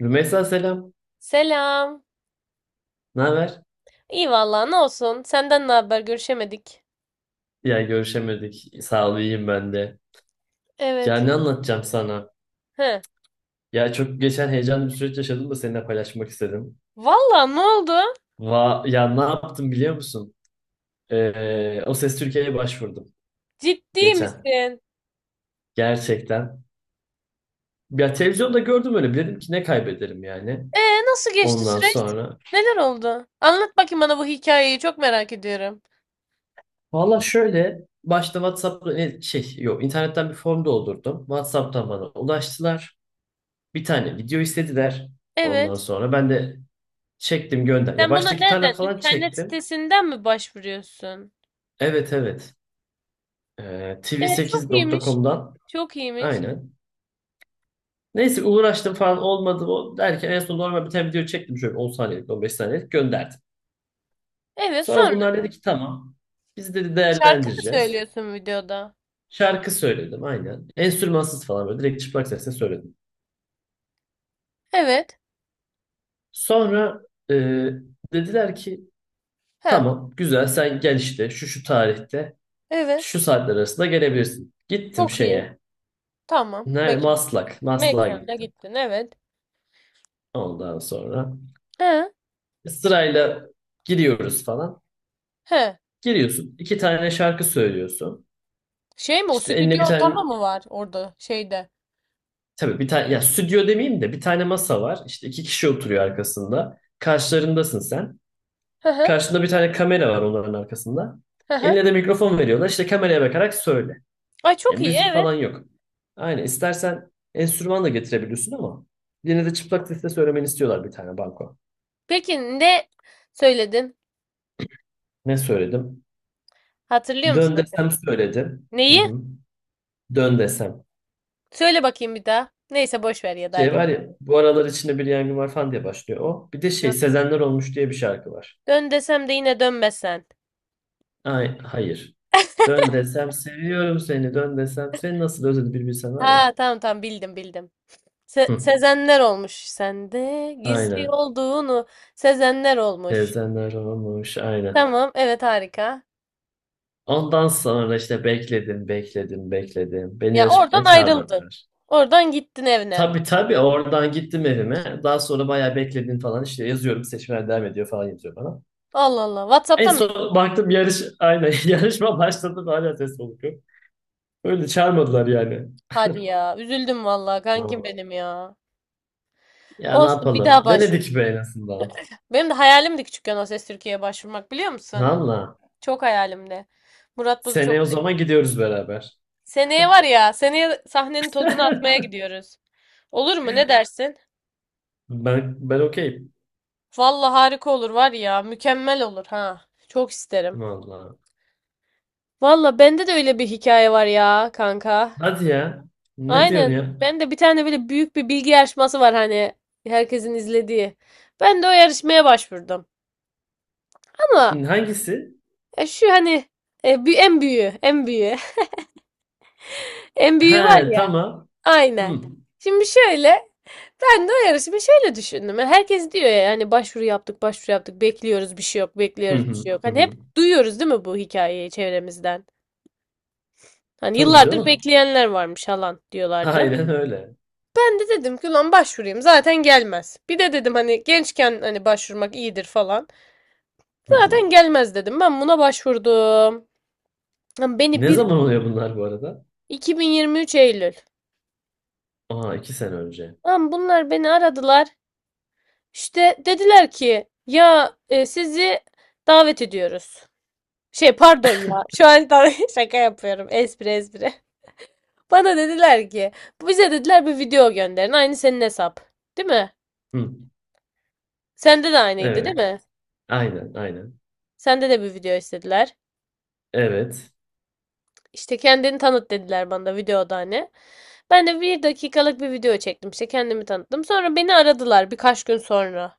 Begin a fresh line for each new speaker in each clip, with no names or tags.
Rümeysa selam.
Selam.
Ne haber?
İyi vallahi ne olsun. Senden ne haber? Görüşemedik.
Ya görüşemedik. Sağ ol iyiyim ben de. Ya
Evet.
ne anlatacağım sana?
He.
Ya çok geçen heyecanlı bir süreç yaşadım da seninle paylaşmak istedim.
Vallahi ne oldu?
Va ya ne yaptım biliyor musun? O Ses Türkiye'ye başvurdum
Ciddi
geçen.
misin?
Gerçekten. Ya televizyonda gördüm öyle. Dedim ki ne kaybederim yani.
Nasıl geçti
Ondan
süreç?
sonra.
Neler oldu? Anlat bakayım bana bu hikayeyi. Çok merak ediyorum.
Valla şöyle. Başta WhatsApp'ta şey yok internetten bir form doldurdum. WhatsApp'tan bana ulaştılar. Bir tane video istediler.
Evet.
Ondan sonra ben de çektim gönder. Ya
Sen buna
baştaki tarla
nereden?
falan
İnternet
çektim.
sitesinden mi başvuruyorsun?
Evet evet.
Çok iyiymiş.
Tv8.com'dan.
Çok iyiymiş.
Aynen. Neyse uğraştım falan olmadı o derken en son normal bir tane video çektim şöyle 10 saniyelik 15 saniyelik gönderdim.
Evet
Sonra
sonra
bunlar dedi ki tamam. Biz dedi
şarkı mı
değerlendireceğiz.
söylüyorsun videoda?
Şarkı söyledim aynen. Enstrümansız falan böyle direkt çıplak sesle söyledim.
Evet.
Sonra e, dediler ki
He.
tamam güzel sen gel işte şu şu tarihte
Evet.
şu saatler arasında gelebilirsin. Gittim
Çok iyi.
şeye.
Tamam.
Nerede?
Peki.
Maslak. Maslak'a
Mekana
gittim.
gittin, evet.
Ondan sonra
He.
sırayla giriyoruz falan.
He.
Giriyorsun. İki tane şarkı söylüyorsun.
Şey mi, o
İşte eline
stüdyo
bir tane
ortamı mı var orada şeyde?
tabii bir tane ya stüdyo demeyeyim de bir tane masa var. İşte iki kişi oturuyor arkasında. Karşılarındasın sen.
Hı hı.
Karşında bir tane kamera var onların arkasında.
Hı hı.
Eline de mikrofon veriyorlar. İşte kameraya bakarak söyle.
Ay
Ya
çok iyi,
müzik
evet.
falan yok. Aynen istersen enstrüman da getirebiliyorsun ama yine de çıplak sesle söylemeni istiyorlar bir tane banko.
Peki ne söyledin?
Ne söyledim?
Hatırlıyor musun
Dön
acaba?
desem söyledim. Hı
Neyi?
hı. Dön desem.
Söyle bakayım bir daha. Neyse boş ver ya da
Şey
hadi.
var ya bu aralar içinde bir yangın var falan diye başlıyor o. Bir de şey
Dön.
Sezenler Olmuş diye bir şarkı var.
Dön desem de yine dönmezsen.
Ay, hayır. Dön desem seviyorum seni. Dön desem seni nasıl özledim bir bilsen var ya.
Ha tamam tamam, bildim bildim.
Hı.
Sezenler olmuş sende. Gizli
Aynen.
olduğunu Sezenler olmuş.
Sezenler Olmuş aynen.
Tamam, evet, harika.
Ondan sonra işte bekledim bekledim bekledim. Beni
Ya oradan
yarışmaya
ayrıldın.
çağırmadılar.
Oradan gittin evine.
Tabii tabii oradan gittim evime. Daha sonra bayağı bekledim falan işte yazıyorum seçmeler devam ediyor falan yazıyor bana.
Allah Allah.
En
WhatsApp'tan mı?
son baktım yarış aynen yarışma başladı da hala ses soluk yok. Öyle çağırmadılar yani.
Hadi ya. Üzüldüm vallahi kankim
Doğru.
benim ya.
Ya ne
Olsun, bir
yapalım?
daha başvur.
Denedik be en azından.
Benim de hayalimdi küçükken O Ses Türkiye'ye başvurmak, biliyor musun?
Valla.
Çok hayalimdi. Murat Boz'u çok
Seneye o
sev-
zaman gidiyoruz beraber.
Seneye var ya, seneye sahnenin tozunu atmaya gidiyoruz. Olur mu? Ne dersin?
Ben okeyim.
Vallahi harika olur var ya. Mükemmel olur ha. Çok isterim.
Valla.
Valla bende de öyle bir hikaye var ya kanka.
Hadi ya. Ne diyorsun
Aynen.
ya?
Ben de bir tane böyle büyük bir bilgi yarışması var, hani herkesin izlediği. Ben de o yarışmaya başvurdum. Ama
Hangisi?
ya şu hani bir en büyüğü, en büyüğü, en büyüğü var
He
ya.
tamam.
Aynen.
Hı.
Şimdi şöyle, ben de o yarışımı şöyle düşündüm. Yani herkes diyor ya hani, başvuru yaptık, başvuru yaptık, bekliyoruz bir şey yok,
Hı
bekliyoruz bir
hı
şey yok.
hı
Hani hep
hı.
duyuyoruz değil mi bu hikayeyi çevremizden? Hani
Tabii
yıllardır
canım.
bekleyenler varmış falan diyorlardı.
Aynen öyle.
Ben de dedim ki lan başvurayım, zaten gelmez. Bir de dedim hani gençken hani başvurmak iyidir falan.
Hı hı.
Zaten gelmez dedim. Ben buna başvurdum. Lan Beni
Ne
bir
zaman oluyor bunlar bu arada?
2023 Eylül.
Aa iki sene önce.
Lan bunlar beni aradılar. İşte dediler ki ya, sizi davet ediyoruz. Şey pardon ya. Şu an da şaka yapıyorum. Espri espri. Bana dediler ki, bize dediler bir video gönderin. Aynı senin hesap. Değil mi?
Hı.
Sende de aynıydı değil
Evet.
mi?
Aynen aynen.
Sende de bir video istediler.
Evet.
İşte kendini tanıt dediler bana da videoda hani. Ben de bir dakikalık bir video çektim. İşte kendimi tanıttım. Sonra beni aradılar birkaç gün sonra.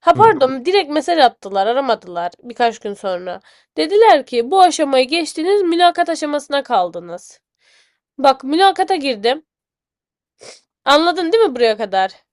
Ha
Hı.
pardon, direkt mesaj attılar, aramadılar birkaç gün sonra. Dediler ki bu aşamayı geçtiniz, mülakat aşamasına kaldınız. Bak, mülakata girdim. Anladın değil mi buraya kadar?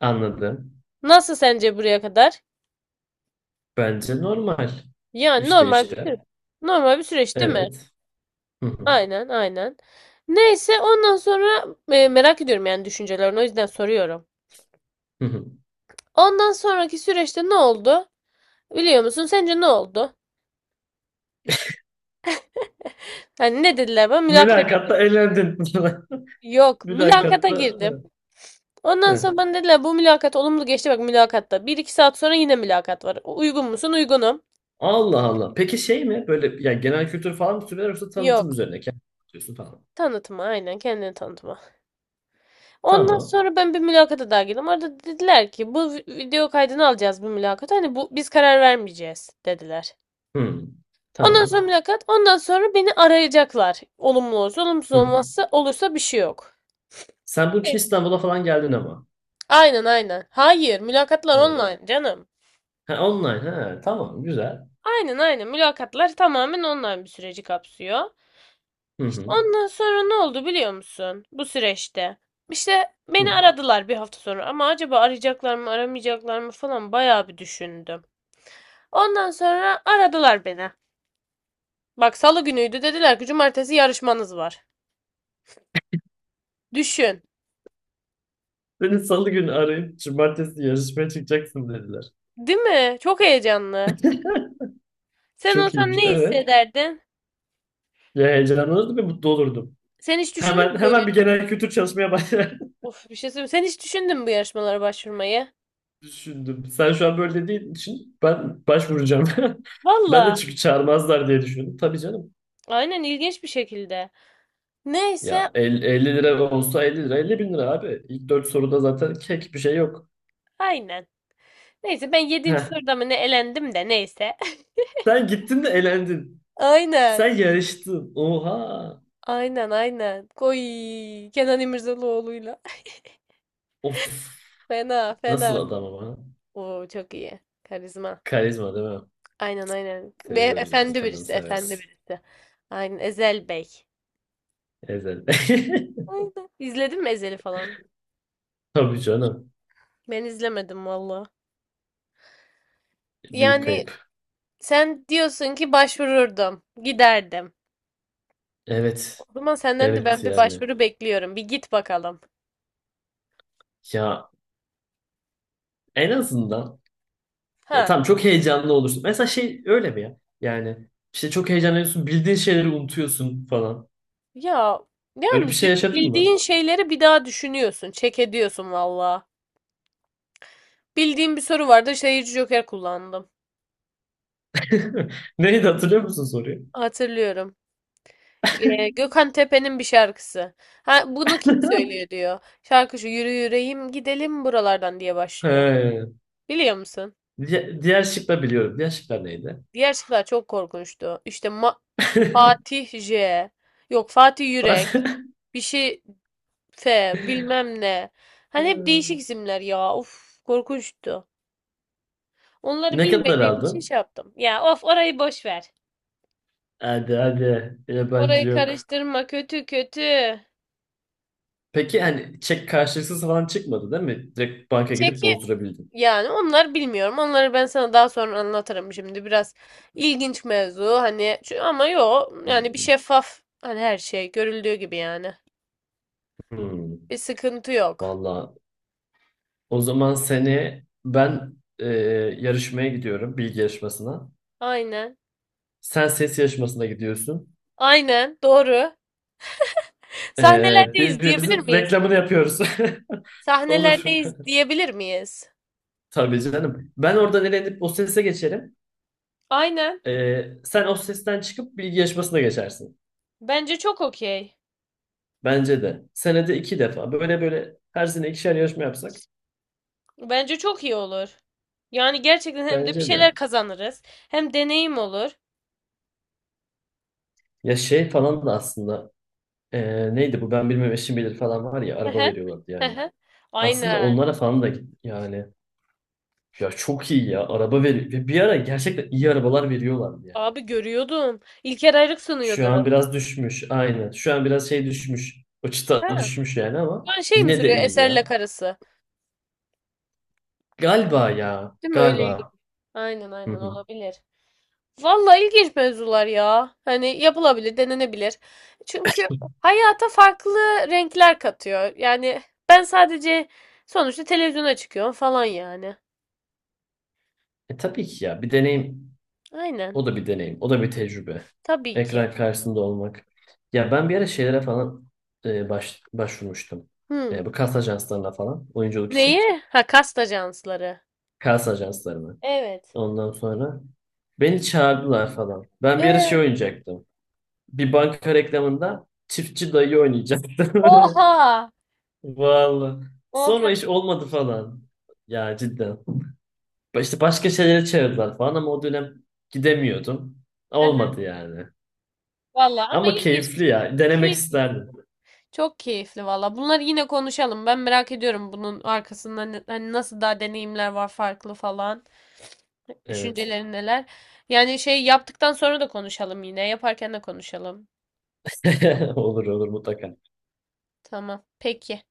Anladım.
Nasıl sence buraya kadar?
Bence normal.
Yani
İşte
normal bir
işte.
süreç. Normal bir süreç değil mi?
Evet. Hı hı.
Aynen, aynen. Neyse ondan sonra, merak ediyorum yani düşüncelerini, o yüzden soruyorum.
Hı hı.
Ondan sonraki süreçte ne oldu? Biliyor musun? Sence ne oldu? Hani ne dediler bana? Mülakata girdim.
Mülakatta eğlendin.
Yok, mülakata
Mülakatta.
girdim.
Evet,
Ondan sonra
evet.
bana dediler bu mülakat olumlu geçti bak, mülakatta. Bir iki saat sonra yine mülakat var. Uygun musun? Uygunum.
Allah Allah. Peki şey mi? Böyle yani genel kültür falan mı soruyorlar yoksa tanıtım
Yok.
üzerine kendin anlatıyorsun falan.
Tanıtma, aynen kendini tanıtma. Ondan
Tamam.
sonra ben bir mülakata daha girdim. Orada dediler ki bu video kaydını alacağız bu mülakata. Hani bu biz karar vermeyeceğiz dediler.
Hı.
Ondan sonra
Tamam.
mülakat. Ondan sonra beni arayacaklar. Olumlu olursa, olumsuz
Hı.
olmazsa olursa bir şey yok.
Sen bunun için
Neyse.
İstanbul'a falan geldin ama.
Aynen, aynen. Hayır, mülakatlar
Evet.
online canım.
Ha, online. Ha, tamam. Güzel.
Aynen aynen, mülakatlar tamamen online bir süreci kapsıyor.
Hı
İşte
hı.
ondan sonra ne oldu biliyor musun? Bu süreçte. İşte beni
Hı.
aradılar bir hafta sonra, ama acaba arayacaklar mı aramayacaklar mı falan bayağı bir düşündüm. Ondan sonra aradılar beni. Bak salı günüydü, dediler ki cumartesi yarışmanız var. Düşün.
Seni salı günü arayıp cumartesi yarışmaya çıkacaksın dediler.
Değil mi? Çok heyecanlı. Sen
Çok
olsan
iyiymiş.
ne
Evet.
hissederdin?
Ya heyecanlanırdım ve mutlu olurdum.
Sen hiç düşündün
Hemen
mü böyle?
hemen bir genel kültür çalışmaya başladım.
Of, bir şey söyleyeyim. Sen hiç düşündün mü bu yarışmalara başvurmayı?
Düşündüm. Sen şu an böyle dediğin için ben başvuracağım. Ben de
Valla.
çünkü çağırmazlar diye düşündüm. Tabii canım.
Aynen, ilginç bir şekilde. Neyse
Ya 50 lira olsa 50 lira 50 bin lira abi. İlk dört soruda zaten kek bir şey yok.
aynen. Neyse ben yedinci
Heh.
soruda mı ne elendim de, neyse.
Sen gittin de elendin.
Aynen.
Sen yarıştın. Oha.
Aynen, aynen. Kenan İmirzalıoğlu'yla.
Of.
Fena
Nasıl
fena.
adam ama.
Oo çok iyi. Karizma.
Karizma değil mi?
Aynen aynen. Ve
Seviyoruz yani.
efendi
Kenan'ı
birisi. Efendi
severiz.
birisi. Aynen. Ezel Bey.
Ezel.
Aynen. İzledin mi Ezel'i falan?
Tabii canım.
Ben izlemedim valla.
Büyük
Yani
kayıp.
sen diyorsun ki, başvururdum. Giderdim.
Evet.
O zaman senden de
Evet
ben bir
yani.
başvuru bekliyorum. Bir git bakalım.
Ya en azından. Ya
Ha.
tamam çok heyecanlı olursun. Mesela şey öyle mi ya? Yani işte çok heyecanlanıyorsun, bildiğin şeyleri unutuyorsun falan.
Ya
Öyle
yani
bir şey yaşadın
bildiğin
mı?
şeyleri bir daha düşünüyorsun. Çek ediyorsun valla. Bildiğim bir soru vardı. Seyirci Joker kullandım.
Neydi hatırlıyor musun soruyu?
Hatırlıyorum. Gökhan Tepe'nin bir şarkısı. Ha, bunu kim söylüyor diyor. Şarkı şu, yürü yüreğim gidelim buralardan diye başlıyor.
He.
Biliyor musun?
Diğer şıkla biliyorum. Diğer şıklar neydi?
Diğer şarkılar çok korkunçtu. İşte Fatih J. Yok, Fatih Yürek.
Bas-
Bir şey F. Bilmem ne. Hani hep değişik isimler ya. Of korkunçtu. Onları
Ne kadar
bilmediğim için
aldın?
şey yaptım. Ya of, orayı boş ver.
Hadi hadi. Yabancı
Orayı
yok.
karıştırma, kötü kötü.
Peki hani çek karşılıksız falan çıkmadı değil mi? Direkt banka gidip
Çekil.
bozdurabildin.
Yani onlar bilmiyorum. Onları ben sana daha sonra anlatırım şimdi. Biraz ilginç mevzu hani, ama yok yani bir şeffaf, hani her şey görüldüğü gibi yani.
Hmm.
Bir sıkıntı yok.
Valla. O zaman seni ben yarışmaya gidiyorum bilgi yarışmasına.
Aynen.
Sen ses yarışmasına gidiyorsun.
Aynen doğru. Sahnelerdeyiz diyebilir
Birbirimizin
miyiz?
reklamını yapıyoruz. Olur.
Sahnelerdeyiz diyebilir miyiz?
Tabii canım. Ben oradan elenip o sese geçerim.
Aynen.
E, sen o sesten çıkıp bilgi yarışmasına geçersin.
Bence çok okey.
Bence de. Senede iki defa. Böyle böyle her sene ikişer yarışma yapsak.
Bence çok iyi olur. Yani gerçekten hem de bir
Bence de.
şeyler kazanırız. Hem deneyim olur.
Ya şey falan da aslında. Neydi bu ben bilmem eşim bilir falan var ya
Hı
araba
hı.
veriyorlardı
Hı
yani.
hı.
Aslında
Aynen.
onlara falan da git yani. Ya çok iyi ya. Araba veriyor. Ve bir ara gerçekten iyi arabalar veriyorlardı ya.
Abi görüyordum. İlker Ayrık
Şu
sunuyordu.
an biraz düşmüş. Aynen. Şu an biraz şey düşmüş. O çıta
Ha,
düşmüş yani
şu
ama
an şey mi
yine de
sürüyor?
iyi
Eserle
ya.
karısı.
Galiba ya.
Değil mi? Öyle ilginç.
Galiba.
Aynen
Hı
aynen,
hı.
olabilir. Vallahi ilginç mevzular ya. Hani yapılabilir, denenebilir. Çünkü hayata farklı renkler katıyor. Yani ben sadece sonuçta televizyona çıkıyorum falan yani.
E tabii ki ya. Bir deneyim.
Aynen.
O da bir deneyim. O da bir tecrübe.
Tabii ki.
Ekran karşısında olmak. Ya ben bir ara şeylere falan başvurmuştum.
Hı.
Bu kas ajanslarına falan. Oyunculuk için.
Neyi? Ha, kast ajansları.
Kas ajanslarına.
Evet.
Ondan sonra beni çağırdılar falan. Ben bir ara şey
Ee,
oynayacaktım. Bir banka reklamında çiftçi dayı oynayacaktı.
oha.
Vallahi.
Oha.
Sonra iş olmadı falan. Ya cidden. İşte başka şeylere çevirdiler falan ama o dönem gidemiyordum. Olmadı yani.
Vallahi ama
Ama
ilginç.
keyifli ya. Denemek
Keyifli.
isterdim.
Çok keyifli valla. Bunları yine konuşalım. Ben merak ediyorum bunun arkasında hani nasıl daha deneyimler var farklı falan.
Evet.
Düşüncelerin neler? Yani şey yaptıktan sonra da konuşalım yine. Yaparken de konuşalım.
Olur olur mutlaka.
Tamam. Peki.